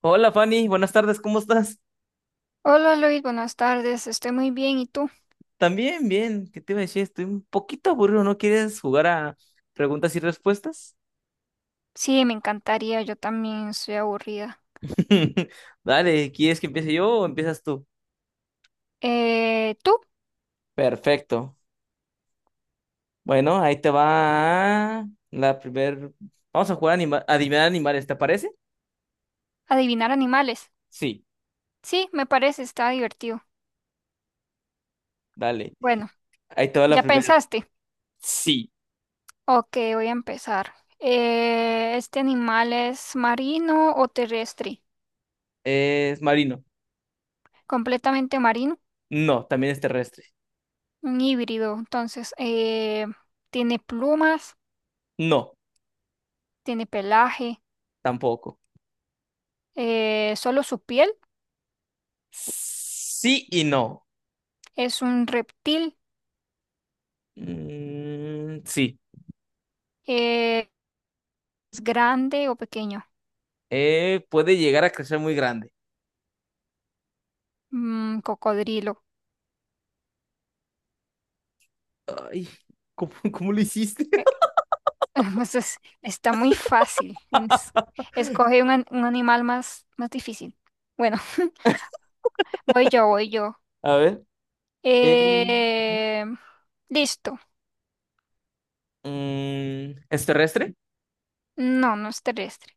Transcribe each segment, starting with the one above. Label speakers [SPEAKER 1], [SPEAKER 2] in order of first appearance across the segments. [SPEAKER 1] Hola Fanny, buenas tardes, ¿cómo estás?
[SPEAKER 2] Hola Luis, buenas tardes, estoy muy bien, ¿y tú?
[SPEAKER 1] También, bien, ¿qué te iba a decir? Estoy un poquito aburrido, ¿no quieres jugar a preguntas y respuestas?
[SPEAKER 2] Sí, me encantaría, yo también estoy aburrida.
[SPEAKER 1] Dale, ¿quieres que empiece yo o empiezas tú?
[SPEAKER 2] ¿Tú?
[SPEAKER 1] Perfecto. Bueno, ahí te va la primer... Vamos a jugar a adivinar animales, ¿te parece?
[SPEAKER 2] Adivinar animales.
[SPEAKER 1] Sí,
[SPEAKER 2] Sí, me parece, está divertido.
[SPEAKER 1] dale.
[SPEAKER 2] Bueno,
[SPEAKER 1] Ahí te va la
[SPEAKER 2] ¿ya
[SPEAKER 1] primera.
[SPEAKER 2] pensaste?
[SPEAKER 1] Sí.
[SPEAKER 2] Ok, voy a empezar. ¿Este animal es marino o terrestre?
[SPEAKER 1] ¿Es marino?
[SPEAKER 2] Completamente marino,
[SPEAKER 1] No, también es terrestre.
[SPEAKER 2] un híbrido. Entonces, ¿tiene plumas?
[SPEAKER 1] No,
[SPEAKER 2] ¿Tiene pelaje?
[SPEAKER 1] tampoco.
[SPEAKER 2] ¿Solo su piel?
[SPEAKER 1] Sí y no.
[SPEAKER 2] ¿Es un reptil?
[SPEAKER 1] Mm, sí.
[SPEAKER 2] Eh, ¿Es grande o pequeño?
[SPEAKER 1] Puede llegar a crecer muy grande.
[SPEAKER 2] Mm, cocodrilo.
[SPEAKER 1] Ay, cómo lo hiciste?
[SPEAKER 2] Eh, pues está muy fácil. Escoge un animal más, más difícil. Bueno, voy yo.
[SPEAKER 1] A ver. eh, Ujú.
[SPEAKER 2] Eh, Listo.
[SPEAKER 1] Mm, ¿es terrestre?
[SPEAKER 2] No, no es terrestre.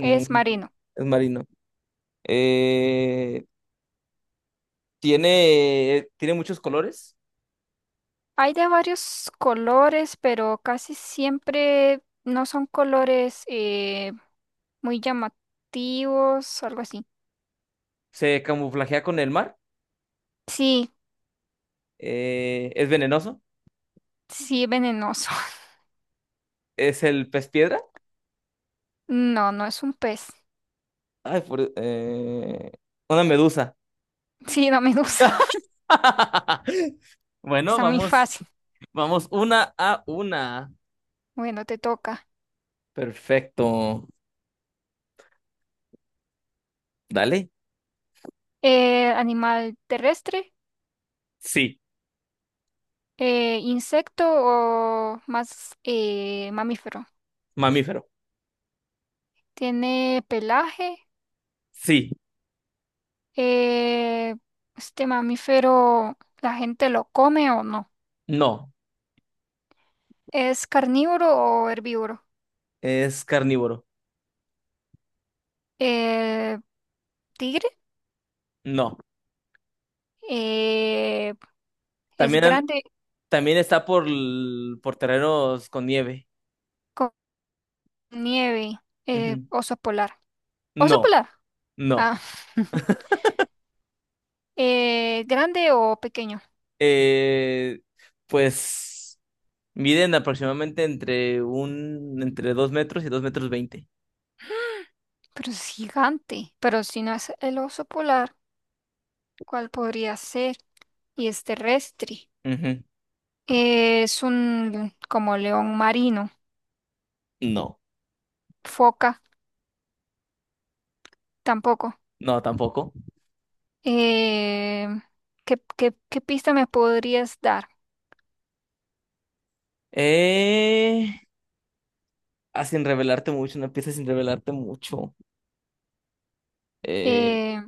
[SPEAKER 2] Es marino.
[SPEAKER 1] es marino. Eh, tiene muchos colores?
[SPEAKER 2] Hay de varios colores, pero casi siempre no son colores muy llamativos, algo así.
[SPEAKER 1] ¿Se camuflajea con el mar?
[SPEAKER 2] Sí,
[SPEAKER 1] ¿Es venenoso?
[SPEAKER 2] sí, venenoso.
[SPEAKER 1] ¿Es el pez piedra?
[SPEAKER 2] No, no es un pez.
[SPEAKER 1] Ay, una medusa.
[SPEAKER 2] Sí, no me gusta.
[SPEAKER 1] Bueno,
[SPEAKER 2] Está muy
[SPEAKER 1] vamos,
[SPEAKER 2] fácil.
[SPEAKER 1] vamos una a una.
[SPEAKER 2] Bueno, te toca.
[SPEAKER 1] Perfecto. Dale.
[SPEAKER 2] ¿Animal terrestre?
[SPEAKER 1] Sí,
[SPEAKER 2] ¿Insecto o más mamífero?
[SPEAKER 1] mamífero.
[SPEAKER 2] ¿Tiene pelaje?
[SPEAKER 1] Sí.
[SPEAKER 2] Eh, ¿Este mamífero la gente lo come o no?
[SPEAKER 1] No,
[SPEAKER 2] ¿Es carnívoro o herbívoro?
[SPEAKER 1] es carnívoro.
[SPEAKER 2] Eh, ¿Tigre?
[SPEAKER 1] No.
[SPEAKER 2] Eh, ¿Es
[SPEAKER 1] También,
[SPEAKER 2] grande
[SPEAKER 1] también está por, por terrenos con nieve.
[SPEAKER 2] con nieve?
[SPEAKER 1] Ujú.
[SPEAKER 2] ¿Oso polar? ¿Oso
[SPEAKER 1] No,
[SPEAKER 2] polar?
[SPEAKER 1] no.
[SPEAKER 2] Ah. ¿Grande o pequeño?
[SPEAKER 1] Eh, pues miden aproximadamente entre un, entre dos metros y dos metros veinte.
[SPEAKER 2] Pero es gigante. Pero si no es el oso polar, ¿cuál podría ser? Y es terrestre.
[SPEAKER 1] Ujú.
[SPEAKER 2] Es un como león marino.
[SPEAKER 1] No,
[SPEAKER 2] Foca, tampoco.
[SPEAKER 1] no, tampoco.
[SPEAKER 2] Eh, ¿Qué, qué pista me podrías dar?
[SPEAKER 1] Eh, Sin revelarte mucho, una pieza sin revelarte mucho. Eh,
[SPEAKER 2] Eh,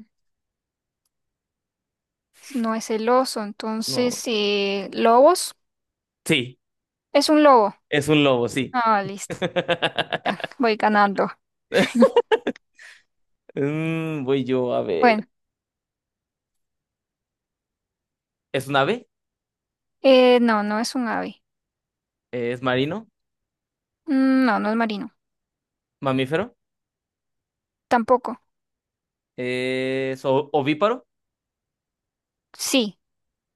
[SPEAKER 2] no es el oso,
[SPEAKER 1] no.
[SPEAKER 2] entonces, ¿lobos?
[SPEAKER 1] Sí,
[SPEAKER 2] Es un lobo.
[SPEAKER 1] es un lobo, sí.
[SPEAKER 2] Ah, listo. Voy ganando.
[SPEAKER 1] Mm, voy yo a ver.
[SPEAKER 2] Bueno,
[SPEAKER 1] ¿Es un ave?
[SPEAKER 2] no, no es un ave.
[SPEAKER 1] Es marino,
[SPEAKER 2] Mm, no, no es marino.
[SPEAKER 1] mamífero,
[SPEAKER 2] Tampoco.
[SPEAKER 1] es ovíparo,
[SPEAKER 2] Sí,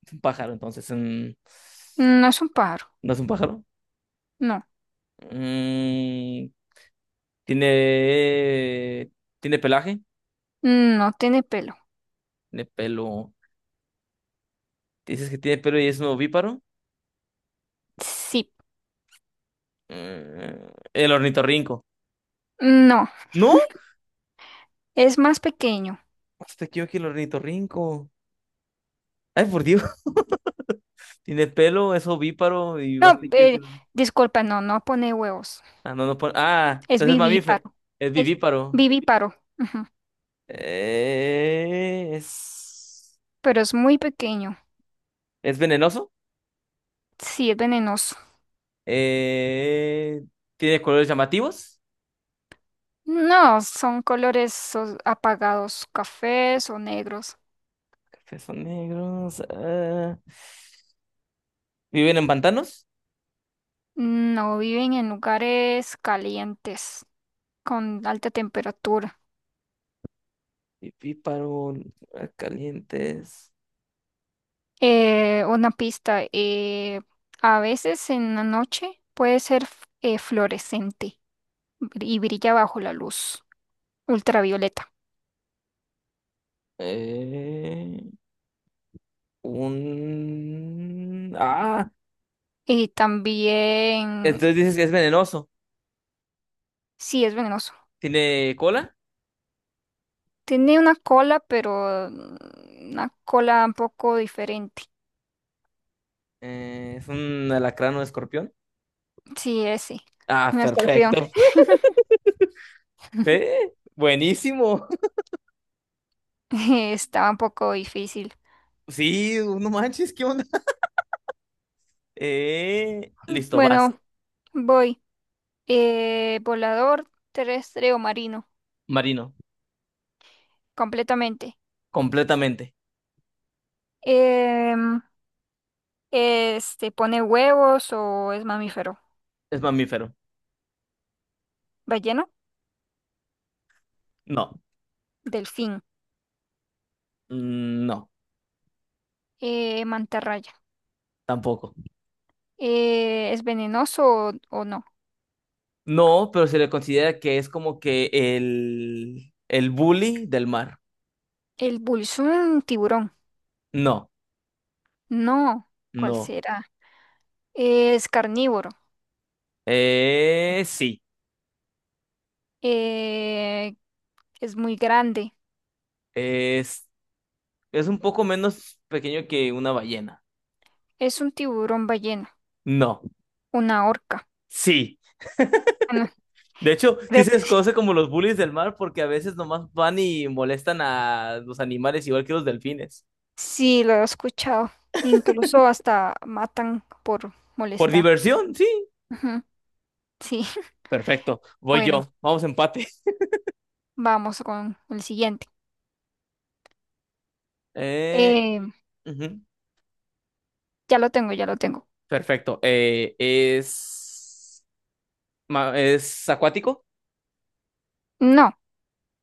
[SPEAKER 1] es un pájaro, entonces mm,
[SPEAKER 2] no es un pájaro.
[SPEAKER 1] no es un pájaro.
[SPEAKER 2] No.
[SPEAKER 1] Mm, tiene, tiene pelaje,
[SPEAKER 2] No tiene pelo.
[SPEAKER 1] tiene pelo. Dices que tiene pelo y es un ovíparo.
[SPEAKER 2] Sí.
[SPEAKER 1] Mm, el ornitorrinco.
[SPEAKER 2] No,
[SPEAKER 1] ¿No?
[SPEAKER 2] es más pequeño.
[SPEAKER 1] Más pequeño que el ornitorrinco. Ay, por Dios. Tiene pelo, es ovíparo y más
[SPEAKER 2] No,
[SPEAKER 1] pequeño que el ornitorrinco.
[SPEAKER 2] disculpa, no, no pone huevos.
[SPEAKER 1] Ah, no, Ah,
[SPEAKER 2] Es
[SPEAKER 1] entonces es mamífero.
[SPEAKER 2] vivíparo.
[SPEAKER 1] Es
[SPEAKER 2] Es
[SPEAKER 1] vivíparo.
[SPEAKER 2] vivíparo. Ujú,
[SPEAKER 1] Eh, es...
[SPEAKER 2] pero es muy pequeño.
[SPEAKER 1] ¿Es venenoso?
[SPEAKER 2] Sí, es venenoso.
[SPEAKER 1] Eh, Tiene colores llamativos.
[SPEAKER 2] No, son colores apagados, cafés o negros.
[SPEAKER 1] Cafés son negros. Ah, viven en pantanos.
[SPEAKER 2] No viven en lugares calientes, con alta temperatura.
[SPEAKER 1] Pipíparo, calientes.
[SPEAKER 2] Una pista, a veces en la noche puede ser fluorescente. Y brilla bajo la luz ultravioleta.
[SPEAKER 1] Eh, un. Ah,
[SPEAKER 2] Y también,
[SPEAKER 1] entonces dices que es venenoso.
[SPEAKER 2] sí, es venenoso.
[SPEAKER 1] Tiene cola.
[SPEAKER 2] Tiene una cola, pero mm, una cola un poco diferente.
[SPEAKER 1] Es un alacrán o escorpión.
[SPEAKER 2] Sí, ese.
[SPEAKER 1] Ah,
[SPEAKER 2] Un escorpión.
[SPEAKER 1] perfecto. Ve, buenísimo.
[SPEAKER 2] Estaba un poco difícil.
[SPEAKER 1] Sí, no manches, ¿qué onda? Listo, vas.
[SPEAKER 2] Bueno, voy. ¿Volador terrestre o marino,
[SPEAKER 1] Marino,
[SPEAKER 2] completamente?
[SPEAKER 1] completamente.
[SPEAKER 2] Em, ¿Este pone huevos o es mamífero?
[SPEAKER 1] Es mamífero.
[SPEAKER 2] Ballena,
[SPEAKER 1] No.
[SPEAKER 2] delfín,
[SPEAKER 1] Mm, no,
[SPEAKER 2] mantarraya.
[SPEAKER 1] tampoco.
[SPEAKER 2] ¿Es venenoso o no?
[SPEAKER 1] No, pero se le considera que es como que el bully del mar.
[SPEAKER 2] El bull es un tiburón.
[SPEAKER 1] No,
[SPEAKER 2] No, ¿cuál
[SPEAKER 1] no.
[SPEAKER 2] será? Es carnívoro.
[SPEAKER 1] Sí.
[SPEAKER 2] Eh, es muy grande.
[SPEAKER 1] Es, es un poco menos pequeño que una ballena.
[SPEAKER 2] Es un tiburón ballena,
[SPEAKER 1] No,
[SPEAKER 2] una orca.
[SPEAKER 1] sí.
[SPEAKER 2] Bueno,
[SPEAKER 1] De hecho, sí
[SPEAKER 2] creo
[SPEAKER 1] se
[SPEAKER 2] que sí.
[SPEAKER 1] desconoce como los bullies del mar porque a veces nomás van y molestan a los animales igual que los delfines.
[SPEAKER 2] Sí, lo he escuchado. Incluso hasta matan por
[SPEAKER 1] Por
[SPEAKER 2] molestar.
[SPEAKER 1] diversión, sí.
[SPEAKER 2] Ujú, sí,
[SPEAKER 1] Perfecto. Voy
[SPEAKER 2] bueno,
[SPEAKER 1] yo. Vamos empate.
[SPEAKER 2] vamos con el siguiente.
[SPEAKER 1] Eh,
[SPEAKER 2] Eh,
[SPEAKER 1] ujú.
[SPEAKER 2] ya lo tengo, ya lo tengo.
[SPEAKER 1] Perfecto. Es. Es acuático,
[SPEAKER 2] No,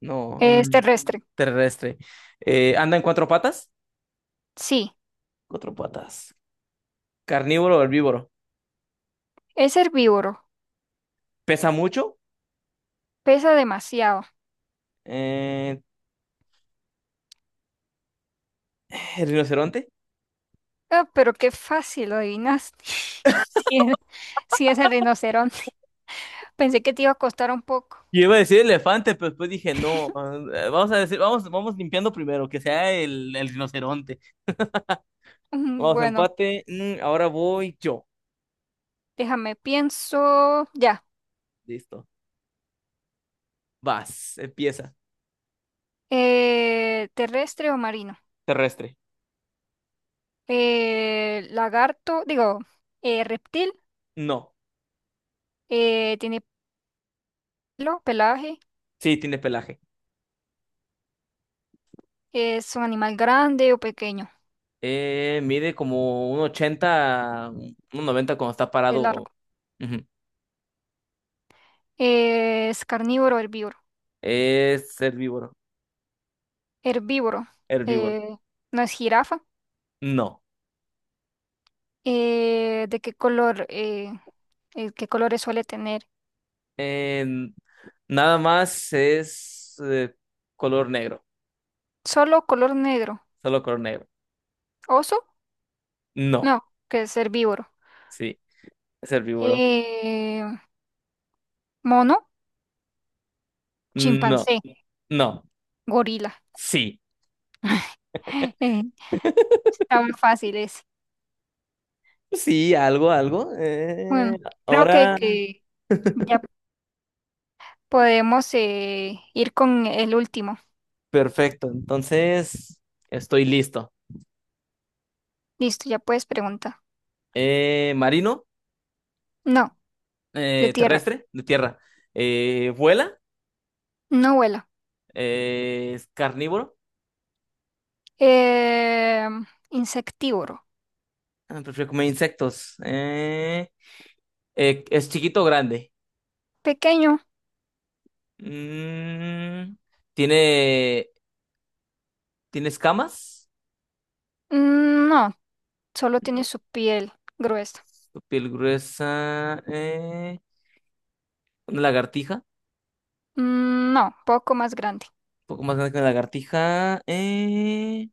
[SPEAKER 1] no,
[SPEAKER 2] es
[SPEAKER 1] un
[SPEAKER 2] terrestre.
[SPEAKER 1] terrestre. Anda en cuatro patas,
[SPEAKER 2] Sí,
[SPEAKER 1] cuatro patas. ¿Carnívoro o herbívoro?
[SPEAKER 2] es herbívoro.
[SPEAKER 1] Pesa mucho.
[SPEAKER 2] Pesa demasiado.
[SPEAKER 1] Eh, el rinoceronte.
[SPEAKER 2] Ah, pero qué fácil lo adivinaste. Sí, es sí es el rinoceronte. Pensé que te iba a costar un poco.
[SPEAKER 1] Yo iba a decir elefante, pero después dije no. Eh, vamos a decir, vamos, vamos limpiando primero, que sea el rinoceronte.
[SPEAKER 2] Mm,
[SPEAKER 1] Vamos,
[SPEAKER 2] bueno,
[SPEAKER 1] empate. Mm, ahora voy yo.
[SPEAKER 2] déjame, pienso. Ya.
[SPEAKER 1] Listo. Vas, empieza.
[SPEAKER 2] ¿Terrestre o marino?
[SPEAKER 1] Terrestre.
[SPEAKER 2] Lagarto, digo, reptil.
[SPEAKER 1] No.
[SPEAKER 2] ¿Tiene pelo, pelaje?
[SPEAKER 1] Sí, tiene pelaje.
[SPEAKER 2] ¿Es un animal grande o pequeño?
[SPEAKER 1] Mide como un 80 un 90 cuando está
[SPEAKER 2] Es
[SPEAKER 1] parado.
[SPEAKER 2] largo.
[SPEAKER 1] Ujú.
[SPEAKER 2] ¿Es carnívoro o herbívoro?
[SPEAKER 1] Es herbívoro.
[SPEAKER 2] Herbívoro.
[SPEAKER 1] Herbívoro.
[SPEAKER 2] Eh, ¿No es jirafa?
[SPEAKER 1] No.
[SPEAKER 2] ¿De qué color? ¿Qué colores suele tener?
[SPEAKER 1] Eh, nada más es color negro.
[SPEAKER 2] Solo color negro.
[SPEAKER 1] Solo color negro.
[SPEAKER 2] Oso,
[SPEAKER 1] No.
[SPEAKER 2] no, que es herbívoro.
[SPEAKER 1] Sí. Es herbívoro.
[SPEAKER 2] Eh, Mono,
[SPEAKER 1] No.
[SPEAKER 2] chimpancé,
[SPEAKER 1] No.
[SPEAKER 2] gorila.
[SPEAKER 1] Sí.
[SPEAKER 2] Eh, Está muy fácil ese.
[SPEAKER 1] Sí, algo, algo.
[SPEAKER 2] Bueno, creo
[SPEAKER 1] Ahora,
[SPEAKER 2] que ya podemos ir con el último.
[SPEAKER 1] perfecto. Entonces, estoy listo.
[SPEAKER 2] Listo, ya puedes preguntar.
[SPEAKER 1] Marino,
[SPEAKER 2] No, de tierra.
[SPEAKER 1] terrestre, de tierra. Vuela,
[SPEAKER 2] No vuela.
[SPEAKER 1] es carnívoro.
[SPEAKER 2] Eh, Insectívoro.
[SPEAKER 1] Ah, prefiero comer insectos. Eh, es chiquito o grande.
[SPEAKER 2] Pequeño.
[SPEAKER 1] Mm, ¿tiene, tiene escamas?
[SPEAKER 2] Mm, no, solo tiene
[SPEAKER 1] No,
[SPEAKER 2] su piel gruesa.
[SPEAKER 1] su piel gruesa. Una lagartija.
[SPEAKER 2] Mm, no, poco más grande.
[SPEAKER 1] Un poco más grande que una lagartija. eh,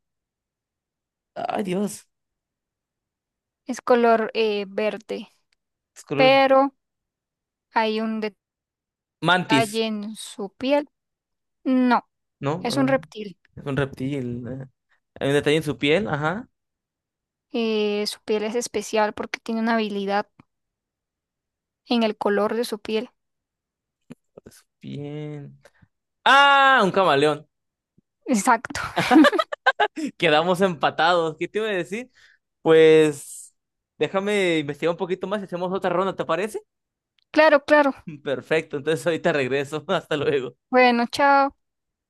[SPEAKER 1] ay, Dios.
[SPEAKER 2] Es color verde,
[SPEAKER 1] Es color.
[SPEAKER 2] pero hay un
[SPEAKER 1] Mantis,
[SPEAKER 2] detalle en su piel. No,
[SPEAKER 1] ¿no?
[SPEAKER 2] es
[SPEAKER 1] Ah,
[SPEAKER 2] un reptil.
[SPEAKER 1] es un reptil. Eh. Hay un detalle en su piel. Ajá.
[SPEAKER 2] Su piel es especial porque tiene una habilidad en el color de su piel.
[SPEAKER 1] Su piel. ¡Ah! Un camaleón.
[SPEAKER 2] Exacto.
[SPEAKER 1] Quedamos empatados. ¿Qué te iba a decir? Pues déjame investigar un poquito más y hacemos otra ronda, ¿te parece?
[SPEAKER 2] Claro, claro.
[SPEAKER 1] Perfecto, entonces ahorita regreso. Hasta luego.
[SPEAKER 2] Bueno, chao.